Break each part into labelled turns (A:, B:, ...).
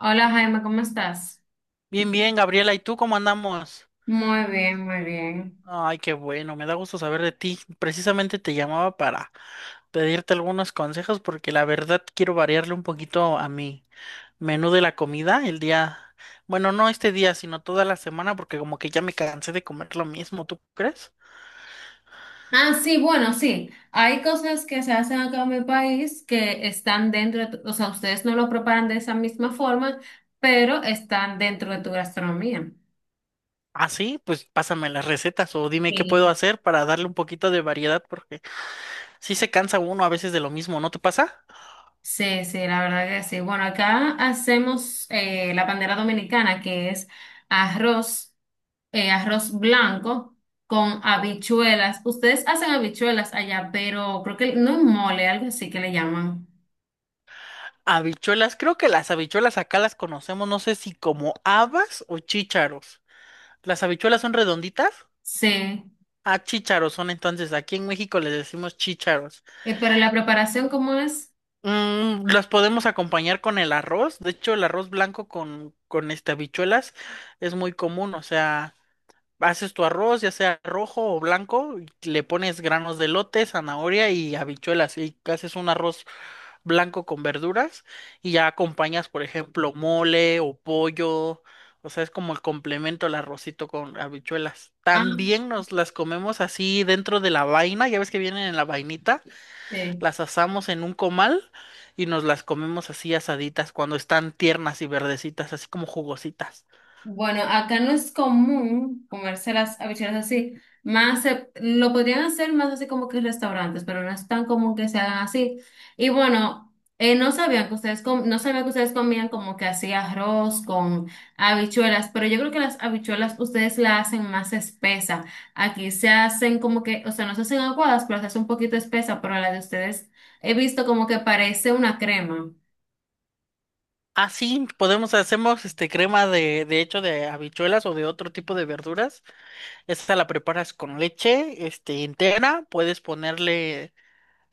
A: Hola Jaime, ¿cómo estás?
B: Bien, bien, Gabriela, ¿y tú cómo andamos?
A: Muy bien, muy bien.
B: Ay, qué bueno, me da gusto saber de ti. Precisamente te llamaba para pedirte algunos consejos porque la verdad quiero variarle un poquito a mi menú de la comida el día, bueno, no este día, sino toda la semana porque como que ya me cansé de comer lo mismo, ¿tú crees?
A: Ah, sí, bueno, sí. Hay cosas que se hacen acá en mi país que están dentro de o sea, ustedes no lo preparan de esa misma forma, pero están dentro de tu gastronomía.
B: Ah, sí, pues pásame las recetas o dime qué puedo
A: Sí.
B: hacer para darle un poquito de variedad porque sí se cansa uno a veces de lo mismo, ¿no te pasa?
A: Sí, sí, la verdad que sí. Bueno, acá hacemos la bandera dominicana, que es arroz, arroz blanco con habichuelas. Ustedes hacen habichuelas allá, pero creo que no es mole, algo así que le llaman.
B: Habichuelas, creo que las habichuelas acá las conocemos, no sé si como habas o chícharos. ¿Las habichuelas son redonditas?
A: Sí.
B: Ah, chícharos son entonces, aquí en México les decimos chícharos.
A: Pero la preparación, ¿cómo es?
B: Las podemos acompañar con el arroz, de hecho el arroz blanco con este habichuelas es muy común, o sea, haces tu arroz, ya sea rojo o blanco, y le pones granos de lote zanahoria y habichuelas y haces un arroz blanco con verduras y ya acompañas, por ejemplo, mole o pollo. O sea, es como el complemento al arrocito con habichuelas.
A: Ah,
B: También nos las comemos así dentro de la vaina, ya ves que vienen en la vainita,
A: sí.
B: las asamos en un comal y nos las comemos así asaditas cuando están tiernas y verdecitas, así como jugositas.
A: Bueno, acá no es común comerse las habichuelas así. Lo podrían hacer más así como que en restaurantes, pero no es tan común que se hagan así. Y bueno, no sabían que ustedes com- no sabía que ustedes comían como que así arroz con habichuelas, pero yo creo que las habichuelas ustedes la hacen más espesa. Aquí se hacen como que, o sea, no se hacen aguadas, pero se hace un poquito espesa, pero la de ustedes he visto como que parece una crema.
B: Así podemos hacemos este crema de hecho de habichuelas o de otro tipo de verduras. Esta la preparas con leche, este entera, puedes ponerle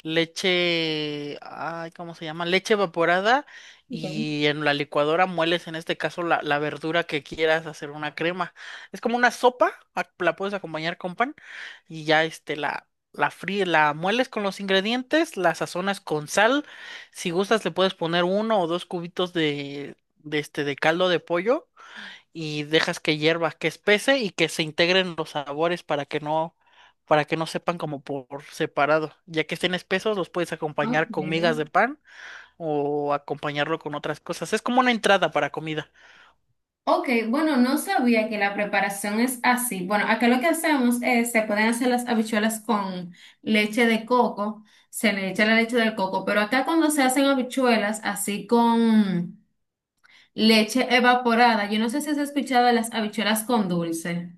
B: leche, ay, ¿cómo se llama? Leche evaporada y en la licuadora mueles en este caso la verdura que quieras hacer una crema. Es como una sopa, la puedes acompañar con pan y ya la fríes, la mueles con los ingredientes, la sazonas con sal. Si gustas le puedes poner uno o dos cubitos de caldo de pollo y dejas que hierva, que espese y que se integren los sabores para que no sepan como por separado. Ya que estén espesos, los puedes
A: Ok.
B: acompañar con migas de pan o acompañarlo con otras cosas. Es como una entrada para comida.
A: Ok, bueno, no sabía que la preparación es así. Bueno, acá lo que hacemos es, se pueden hacer las habichuelas con leche de coco, se le echa la leche del coco, pero acá cuando se hacen habichuelas así con leche evaporada, yo no sé si has escuchado de las habichuelas con dulce.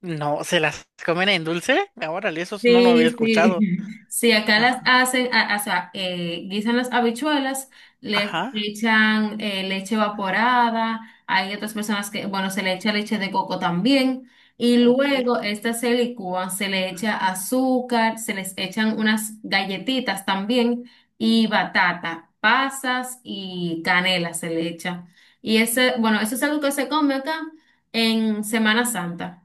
B: No, ¿se las comen en dulce? Órale, eso no lo
A: Sí,
B: había
A: sí,
B: escuchado.
A: sí, acá las
B: Ajá,
A: hacen, o sea, guisan las habichuelas, les
B: ajá,
A: echan leche evaporada, hay otras personas que, bueno, se le echa leche de coco también, y
B: ok.
A: luego estas se licúan, se le echa azúcar, se les echan unas galletitas también, y batata, pasas y canela se le echa. Y ese, bueno, eso es algo que se come acá en Semana Santa.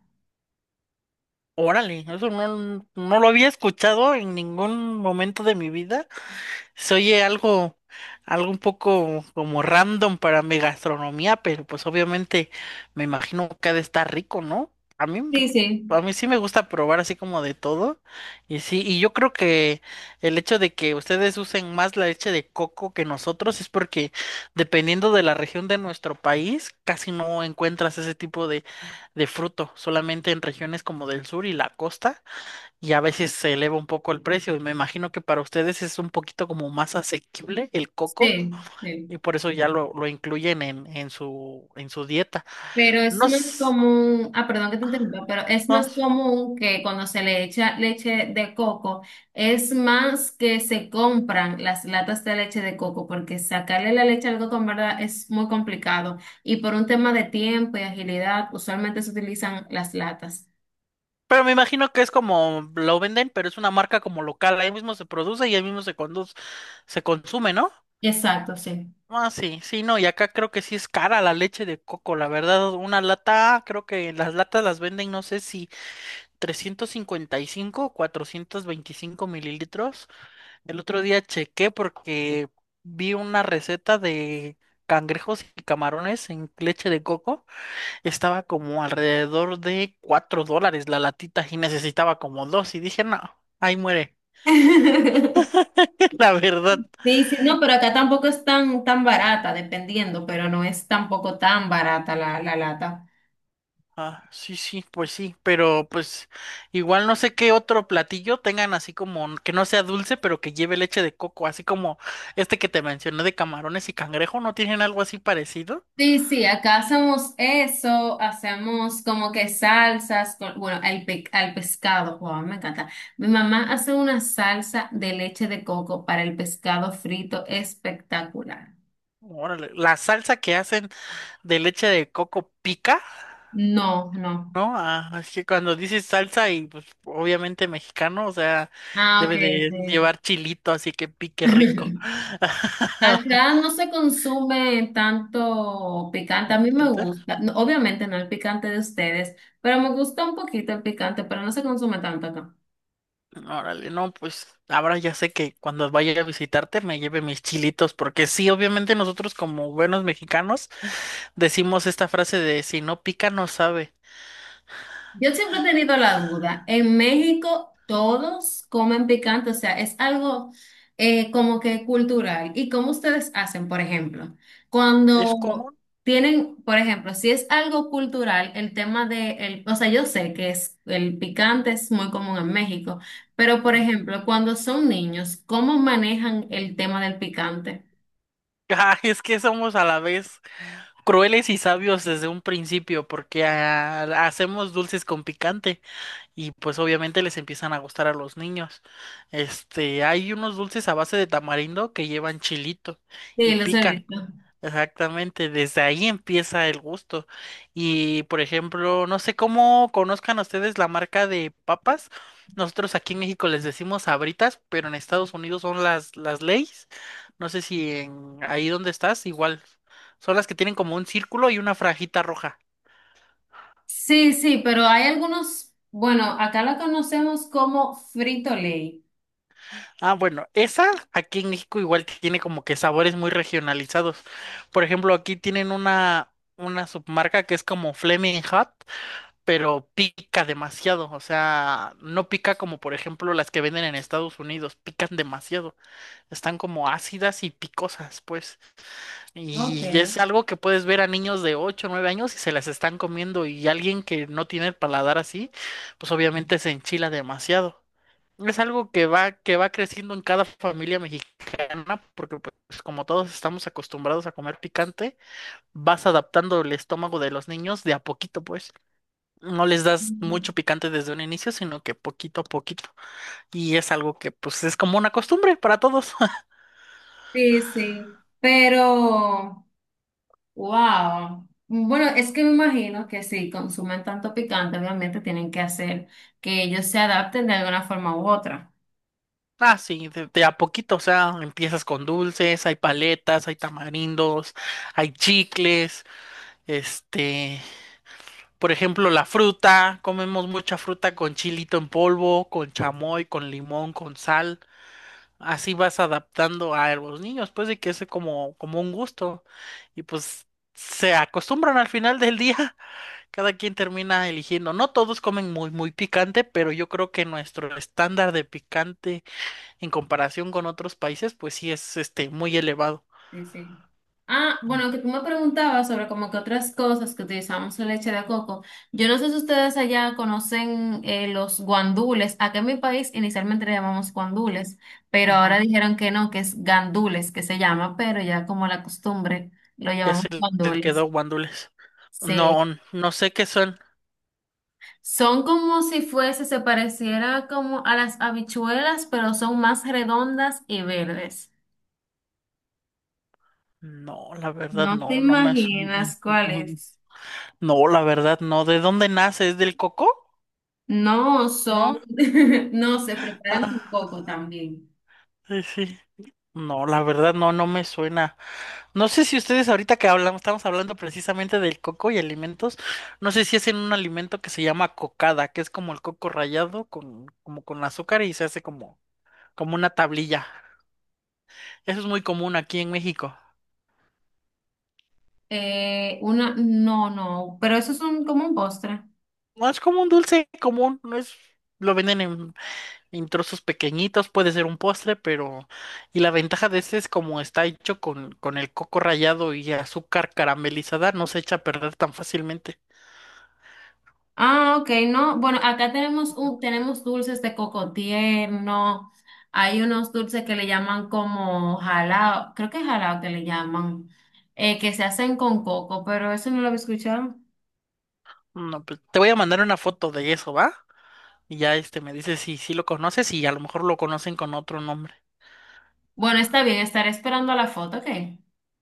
B: Órale, eso no, no lo había escuchado en ningún momento de mi vida. Se oye algo un poco como random para mi gastronomía, pero pues obviamente me imagino que ha de estar rico, ¿no? A mí, me-
A: Sí, sí.
B: a mí sí me gusta probar así como de todo. Y sí, y yo creo que el hecho de que ustedes usen más la leche de coco que nosotros es porque dependiendo de la región de nuestro país, casi no encuentras ese tipo de fruto, solamente en regiones como del sur y la costa y a veces se eleva un poco el precio. Y me imagino que para ustedes es un poquito como más asequible el coco
A: Sí,
B: y
A: sí.
B: por eso ya lo incluyen en su dieta.
A: Pero es
B: No,
A: más
B: s-
A: común, ah, perdón que te interrumpa, pero es
B: no,
A: más común que cuando se le echa leche de coco, es más que se compran las latas de leche de coco, porque sacarle la leche al coco en verdad es muy complicado. Y por un tema de tiempo y agilidad, usualmente se utilizan las latas.
B: pero me imagino que es como lo venden, pero es una marca como local. Ahí mismo se produce y ahí mismo se conduce, se consume, ¿no?
A: Exacto, sí.
B: Ah, sí, sí, no, y acá creo que sí es cara la leche de coco, la verdad, una lata, creo que las latas las venden, no sé si 355 o 425 mililitros. El otro día chequé porque vi una receta de cangrejos y camarones en leche de coco. Estaba como alrededor de $4 la latita y necesitaba como dos. Y dije, no, ahí muere. La verdad.
A: Sí, sí, no, pero acá tampoco es tan, tan barata, dependiendo, pero no es tampoco tan barata la lata.
B: Ah, sí, sí, pues sí. Pero pues igual no sé qué otro platillo tengan así como que no sea dulce, pero que lleve leche de coco. Así como este que te mencioné de camarones y cangrejo. ¿No tienen algo así parecido?
A: Sí, sí, acá hacemos eso, hacemos como que salsas, bueno, al pescado, wow, me encanta. Mi mamá hace una salsa de leche de coco para el pescado frito espectacular.
B: Órale, la salsa que hacen de leche de coco pica,
A: No, no.
B: ¿no? Ah, es que cuando dices salsa y pues obviamente mexicano, o sea,
A: Ah, ok,
B: debe de
A: sí.
B: llevar chilito, así que pique rico.
A: Acá no se consume tanto picante, a mí me
B: Entonces,
A: gusta, no, obviamente no el picante de ustedes, pero me gusta un poquito el picante, pero no se consume tanto.
B: órale, no, pues ahora ya sé que cuando vaya a visitarte me lleve mis chilitos, porque sí, obviamente nosotros como buenos mexicanos decimos esta frase de si no pica no sabe.
A: Yo siempre he tenido la duda. En México todos comen picante, o sea, es algo como que cultural. ¿Y cómo ustedes hacen, por ejemplo?
B: Es
A: Cuando
B: común.
A: tienen, por ejemplo, si es algo cultural, el tema de, el, o sea, yo sé que es, el picante es muy común en México, pero por
B: Ujú.
A: ejemplo, cuando son niños, ¿cómo manejan el tema del picante?
B: Ay, es que somos a la vez crueles y sabios desde un principio, porque hacemos dulces con picante y pues obviamente les empiezan a gustar a los niños. Hay unos dulces a base de tamarindo que llevan chilito y
A: Sí, los he
B: pican.
A: visto.
B: Exactamente, desde ahí empieza el gusto. Y por ejemplo, no sé cómo conozcan ustedes la marca de papas. Nosotros aquí en México les decimos Sabritas, pero en Estados Unidos son las Lay's. No sé si en ahí donde estás, igual. Son las que tienen como un círculo y una franjita roja.
A: Sí, sí, pero hay algunos, bueno, acá la conocemos como frito ley.
B: Ah, bueno, esa aquí en México igual tiene como que sabores muy regionalizados. Por ejemplo, aquí tienen una submarca que es como Flaming Hot pero pica demasiado, o sea, no pica como por ejemplo las que venden en Estados Unidos, pican demasiado, están como ácidas y picosas, pues, y
A: Okay.
B: es algo que puedes ver a niños de 8, o 9 años y se las están comiendo y alguien que no tiene el paladar así, pues obviamente se enchila demasiado. Es algo que va creciendo en cada familia mexicana, porque pues como todos estamos acostumbrados a comer picante, vas adaptando el estómago de los niños de a poquito, pues no les das
A: Ujú.
B: mucho picante desde un inicio, sino que poquito a poquito. Y es algo que pues es como una costumbre para todos.
A: Sí, sí, pero, wow. Bueno, es que me imagino que si consumen tanto picante, obviamente tienen que hacer que ellos se adapten de alguna forma u otra.
B: Ah, sí, de a poquito, o sea, empiezas con dulces, hay paletas, hay tamarindos, hay chicles, este, por ejemplo, la fruta, comemos mucha fruta con chilito en polvo, con chamoy, con limón, con sal. Así vas adaptando a los niños, pues de que es como un gusto. Y pues se acostumbran al final del día. Cada quien termina eligiendo. No todos comen muy, muy picante, pero yo creo que nuestro estándar de picante en comparación con otros países, pues sí es este muy elevado.
A: Sí, sí. Ah, bueno, que tú me preguntabas sobre como que otras cosas que utilizamos la leche de coco. Yo no sé si ustedes allá conocen los guandules. Acá en mi país inicialmente le llamamos guandules, pero
B: Ujú.
A: ahora dijeron que no, que es gandules que se llama, pero ya como la costumbre lo
B: Ya
A: llamamos
B: se le quedó
A: guandules.
B: guándules.
A: Sí,
B: No, no sé qué son.
A: son como si fuese, se pareciera como a las habichuelas, pero son más redondas y verdes.
B: No, la verdad
A: No te
B: no.
A: imaginas cuál es.
B: No, la verdad no. ¿De dónde nace? ¿Es del coco?
A: No son,
B: ¿No?
A: no, se preparan con
B: Ah,
A: coco también.
B: sí, sí. No, la verdad no, no me suena. No sé si ustedes ahorita que hablamos, estamos hablando precisamente del coco y alimentos, no sé si hacen un alimento que se llama cocada, que es como el coco rallado como con azúcar y se hace como una tablilla. Eso es muy común aquí en México.
A: Una, no, no, pero eso es un, como un postre.
B: No es como un dulce común, no es, lo venden en trozos pequeñitos, puede ser un postre, pero, y la ventaja de este es como está hecho con el coco rallado y azúcar caramelizada, no se echa a perder tan fácilmente.
A: Ah, ok, no. Bueno, acá tenemos un, tenemos dulces de coco tierno. Hay unos dulces que le llaman como jalao, creo que es jalao que le llaman, que se hacen con coco, pero eso no lo había escuchado.
B: No, pues, te voy a mandar una foto de eso, ¿va? Y ya me dice si sí lo conoces y a lo mejor lo conocen con otro nombre.
A: Bueno, está bien, estaré esperando la foto, ok.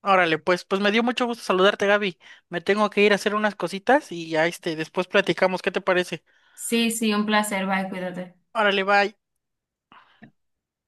B: Órale, pues me dio mucho gusto saludarte, Gaby. Me tengo que ir a hacer unas cositas y ya después platicamos, ¿qué te parece?
A: Sí, sí, un placer, bye, cuídate.
B: Órale, bye.